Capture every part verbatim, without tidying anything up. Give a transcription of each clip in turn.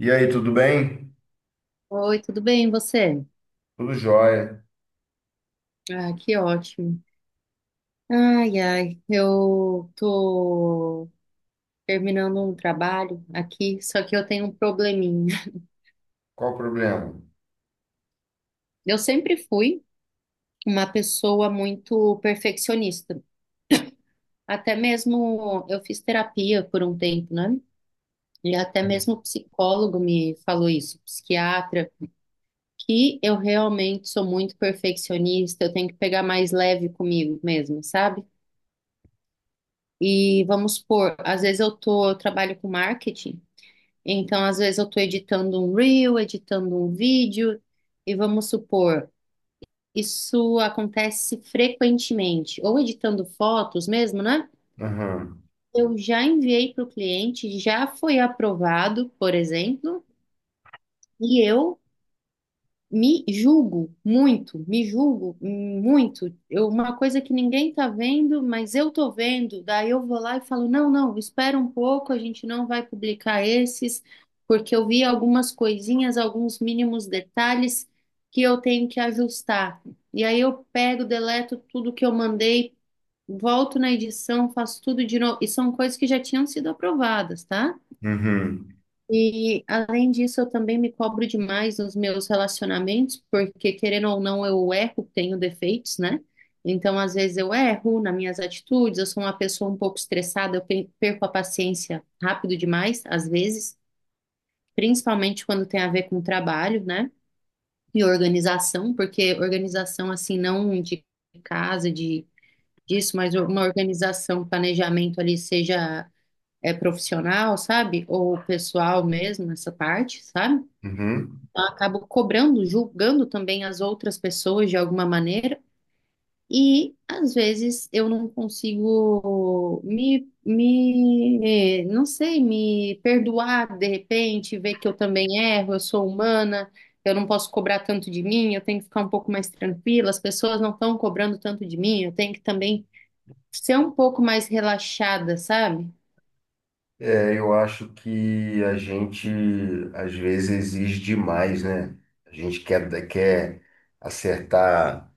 E aí, tudo bem? Oi, tudo bem, e você? Tudo jóia. Ah, que ótimo. Ai, ai, eu tô terminando um trabalho aqui, só que eu tenho um probleminha. Qual o problema? Eu sempre fui uma pessoa muito perfeccionista. Até mesmo eu fiz terapia por um tempo, né? E até mesmo o psicólogo me falou isso, psiquiatra, que eu realmente sou muito perfeccionista, eu tenho que pegar mais leve comigo mesmo, sabe? E vamos supor, às vezes eu tô, eu trabalho com marketing, então às vezes eu tô editando um reel, editando um vídeo, e vamos supor, isso acontece frequentemente, ou editando fotos mesmo, né? Aham. Eu já enviei para o cliente, já foi aprovado, por exemplo, e eu me julgo muito, me julgo muito. Eu, uma coisa que ninguém tá vendo, mas eu tô vendo. Daí eu vou lá e falo: não, não, espera um pouco, a gente não vai publicar esses, porque eu vi algumas coisinhas, alguns mínimos detalhes que eu tenho que ajustar. E aí eu pego, deleto tudo que eu mandei, volto na edição, faço tudo de novo. E são coisas que já tinham sido aprovadas, tá? Uhum. E além disso, eu também me cobro demais nos meus relacionamentos, porque querendo ou não, eu erro, tenho defeitos, né? Então, às vezes eu erro nas minhas atitudes, eu sou uma pessoa um pouco estressada, eu pe- perco a paciência rápido demais, às vezes, principalmente quando tem a ver com trabalho, né? E organização, porque organização assim não de casa, de disso, mas uma organização, um planejamento ali seja é profissional, sabe? Ou pessoal mesmo, nessa parte, sabe? Uhum. Eu acabo cobrando, julgando também as outras pessoas de alguma maneira, e às vezes eu não consigo me, me, não sei, me perdoar de repente, ver que eu também erro, eu sou humana, eu não posso cobrar tanto de mim, eu tenho que ficar um pouco mais tranquila, as pessoas não estão cobrando tanto de mim, eu tenho que também ser um pouco mais relaxada, sabe? É, eu acho que a gente às vezes exige demais, né? A gente quer, quer acertar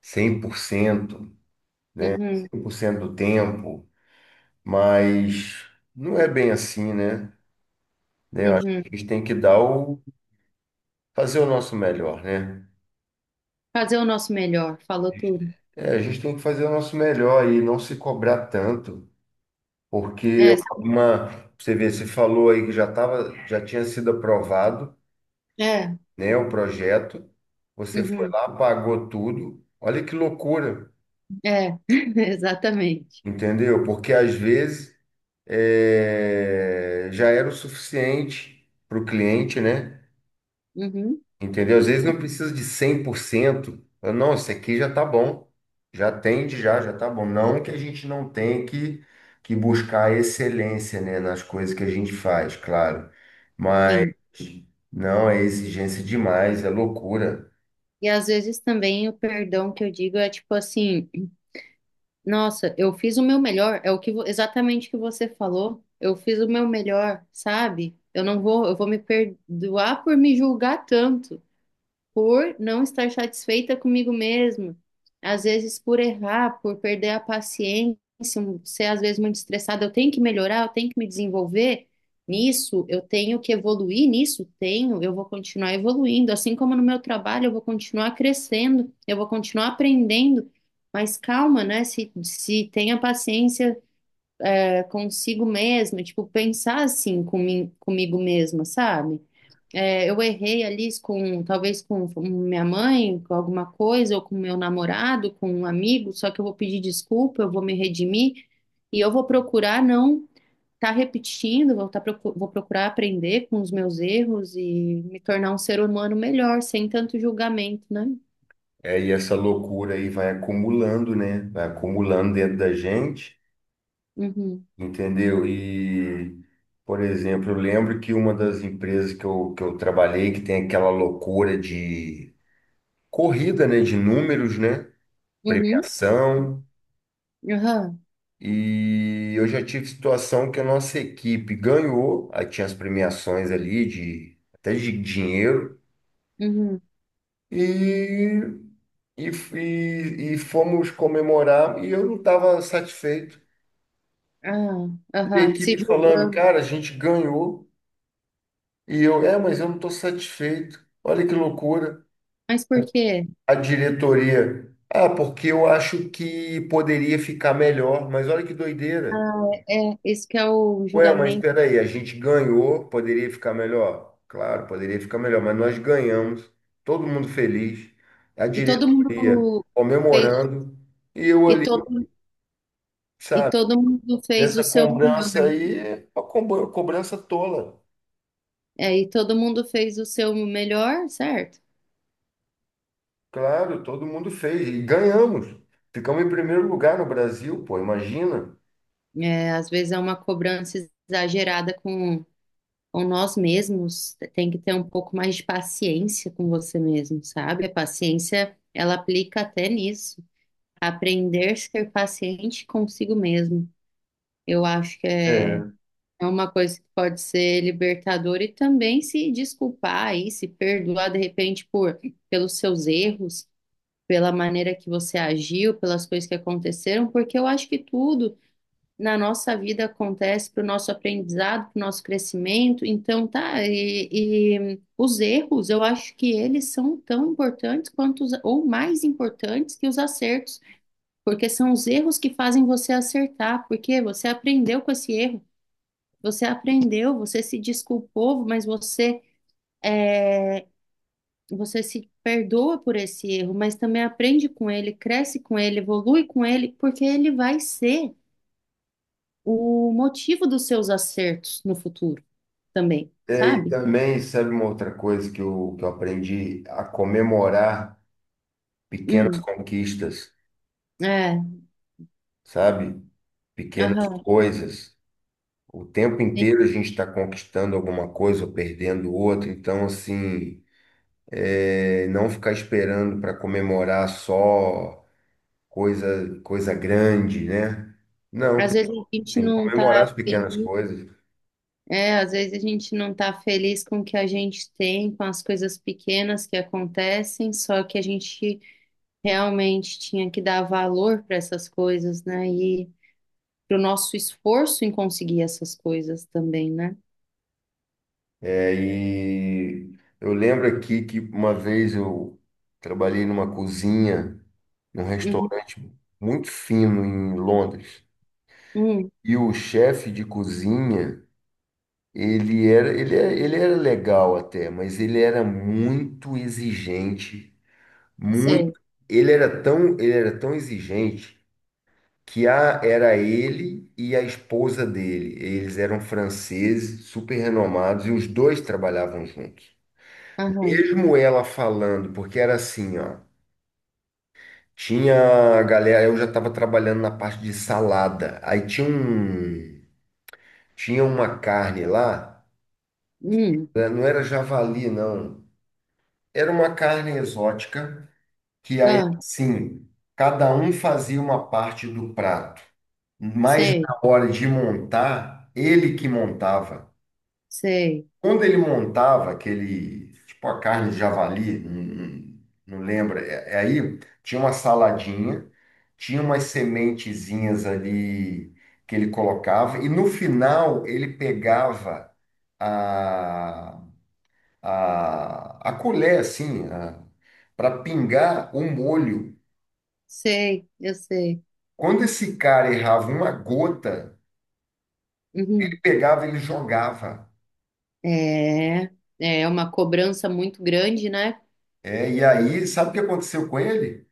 cem cem por cento, Uhum, cem por cento do tempo, mas não é bem assim, né? Né, eu acho uhum. que a gente tem que dar o, fazer o nosso melhor, né? Fazer o nosso melhor, falou tudo. É, a gente tem que fazer o nosso melhor e não se cobrar tanto. Porque É, uma, você vê, você falou aí que já tava, já tinha sido aprovado, é, né, o projeto. Você foi uhum. lá, pagou tudo. Olha que loucura, É, exatamente. entendeu? Porque às vezes é, já era o suficiente para o cliente, né? Uhum. Entendeu? Às Uhum, vezes não precisa de cem por cento. Fala, não, isso aqui já tá bom. Já atende, já, já tá bom. Não que a gente não tenha que, que buscar excelência, né, nas coisas que a gente faz, claro. Mas sim. não, é exigência demais, é loucura. E às vezes também o perdão que eu digo é tipo assim, nossa, eu fiz o meu melhor, é o que vo- exatamente o que você falou. Eu fiz o meu melhor, sabe? Eu não vou, eu vou me perdoar por me julgar tanto, por não estar satisfeita comigo mesma, às vezes por errar, por perder a paciência, um, ser às vezes muito estressada, eu tenho que melhorar, eu tenho que me desenvolver nisso, eu tenho que evoluir nisso, tenho, eu vou continuar evoluindo, assim como no meu trabalho, eu vou continuar crescendo, eu vou continuar aprendendo. Mas calma, né? Se, se tenha paciência eh, consigo mesma, tipo, pensar assim comi- comigo mesma, sabe? É, eu errei ali com, talvez com minha mãe, com alguma coisa, ou com meu namorado, com um amigo, só que eu vou pedir desculpa, eu vou me redimir e eu vou procurar não estar repetindo, vou, tá, procu- vou procurar aprender com os meus erros e me tornar um ser humano melhor, sem tanto julgamento, né? É, e essa loucura aí vai acumulando, né? Vai acumulando dentro da gente, Uhum, entendeu? E, por exemplo, eu lembro que uma das empresas que eu, que eu trabalhei, que tem aquela loucura de corrida, né, de números, né, uhum, premiação. aham, E eu já tive situação que a nossa equipe ganhou, aí tinha as premiações ali de até de dinheiro. uhum, E, e, e, e fomos comemorar e eu não estava satisfeito. ah, E a aham, se equipe falando, julgando. cara, a gente ganhou. E eu, é, mas eu não estou satisfeito. Olha que loucura. Mas por quê? A diretoria, ah, porque eu acho que poderia ficar melhor, mas olha que doideira. Ah, é, é, esse que é o Ué, mas julgamento. espera aí, a gente ganhou, poderia ficar melhor? Claro, poderia ficar melhor, mas nós ganhamos, todo mundo feliz, a E todo diretoria mundo fez, comemorando, e eu e ali, todo e sabe, todo mundo fez o nessa seu melhor. cobrança aí, uma combo- cobrança tola. É, e todo mundo fez o seu melhor, certo? Claro, todo mundo fez, e ganhamos. Ficamos em primeiro lugar no Brasil, pô, imagina. É, às vezes é uma cobrança exagerada com, com nós mesmos. Tem que ter um pouco mais de paciência com você mesmo, sabe? A paciência, ela aplica até nisso. Aprender a ser paciente consigo mesmo. Eu acho que é, É. é uma coisa que pode ser libertadora e também se desculpar aí, se perdoar de repente por pelos seus erros, pela maneira que você agiu, pelas coisas que aconteceram, porque eu acho que tudo na nossa vida acontece para o nosso aprendizado, para o nosso crescimento. Então, tá, e, e os erros, eu acho que eles são tão importantes quanto, os, ou mais importantes que os acertos, porque são os erros que fazem você acertar, porque você aprendeu com esse erro, você aprendeu, você se desculpou, mas você. É, você se perdoa por esse erro, mas também aprende com ele, cresce com ele, evolui com ele, porque ele vai ser o motivo dos seus acertos no futuro também, É, e sabe? também, sabe uma outra coisa que eu, que eu aprendi? A comemorar pequenas Hum, conquistas, é, sabe? Pequenas aham. coisas. O tempo Tem- inteiro a gente está conquistando alguma coisa ou perdendo outra. Então, assim, é, não ficar esperando para comemorar só coisa, coisa grande, né? Não, Às tem, vezes a gente tem que não comemorar tá as pequenas feliz, coisas. é, às vezes a gente não tá feliz com o que a gente tem, com as coisas pequenas que acontecem, só que a gente realmente tinha que dar valor para essas coisas, né? E pro nosso esforço em conseguir essas coisas também, né? É, e eu lembro aqui que uma vez eu trabalhei numa cozinha, num Uhum. restaurante muito fino em Londres. Hum, E o chefe de cozinha, Ele era, ele era, ele era legal até, mas ele era muito exigente, muito. sei. Ele era tão, ele era tão exigente que a, era ele e a esposa dele. Eles eram franceses, super renomados, e os dois trabalhavam juntos. Aham. Mesmo ela falando, porque era assim, ó. Tinha a galera, eu já estava trabalhando na parte de salada. Aí tinha um, tinha uma carne lá, Hum. né, não era javali, não. Era uma carne exótica, que aí, Ah, assim, cada um fazia uma parte do prato, mas sei, na hora de montar, ele que montava. sei, Quando ele montava aquele, tipo a carne de javali, não, não- não lembro, é, é aí tinha uma saladinha, tinha umas sementezinhas ali que ele colocava, e no final ele pegava a, a colher, assim, para pingar o molho. sei, eu sei. Quando esse cara errava uma gota, ele Uhum. pegava, ele jogava. É, é uma cobrança muito grande, né? É, e aí, sabe o que aconteceu com ele?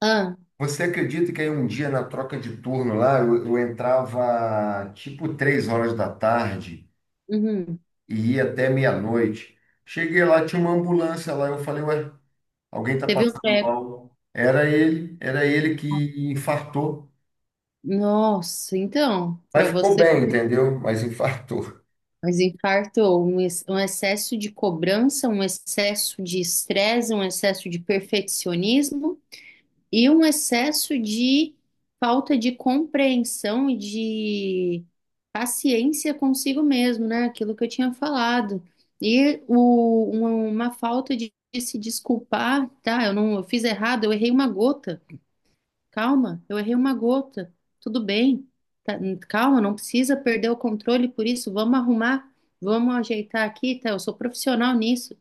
Ah, Você acredita que aí um dia na troca de turno lá, eu, eu entrava tipo três horas da tarde uhum. e ia até meia-noite. Cheguei lá, tinha uma ambulância lá, eu falei, ué, alguém tá Teve um passando treco. mal. Era ele, era ele que infartou. Nossa, então, para Mas ficou você, bem, ver, entendeu? Mas infartou. mas infartou um, ex- um excesso de cobrança, um excesso de estresse, um excesso de perfeccionismo, e um excesso de falta de compreensão e de paciência consigo mesmo, né? Aquilo que eu tinha falado. E o- uma, uma falta de, de se desculpar, tá? Eu não, eu fiz errado, eu errei uma gota. Calma, eu errei uma gota. Tudo bem. Tá, calma, não precisa perder o controle por isso. Vamos arrumar, vamos ajeitar aqui, tá? Eu sou profissional nisso.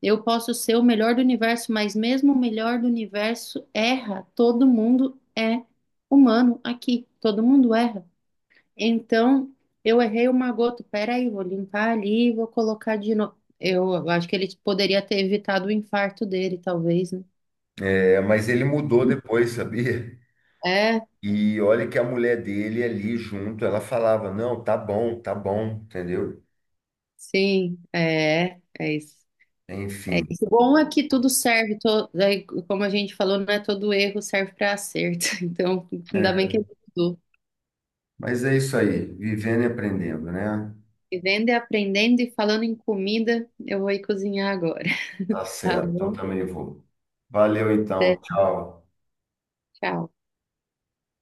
Eu posso ser o melhor do universo, mas mesmo o melhor do universo erra. Todo mundo é humano aqui. Todo mundo erra. Então, eu errei uma gota. Peraí, vou limpar ali, vou colocar de novo. Eu acho que ele poderia ter evitado o infarto dele, talvez, né? É, mas ele mudou depois, sabia? É, E olha que a mulher dele ali junto, ela falava, não, tá bom, tá bom, entendeu? sim, é, é isso. Enfim. O bom é que tudo serve, to- daí, como a gente falou, não é todo erro serve para acerto. Então, ainda bem que É, ele mudou. mas é isso aí, vivendo e aprendendo, né? Vivendo e aprendendo e falando em comida, eu vou ir cozinhar agora, Tá tá certo, eu bom? também vou. Valeu Até, então, tchau. tchau.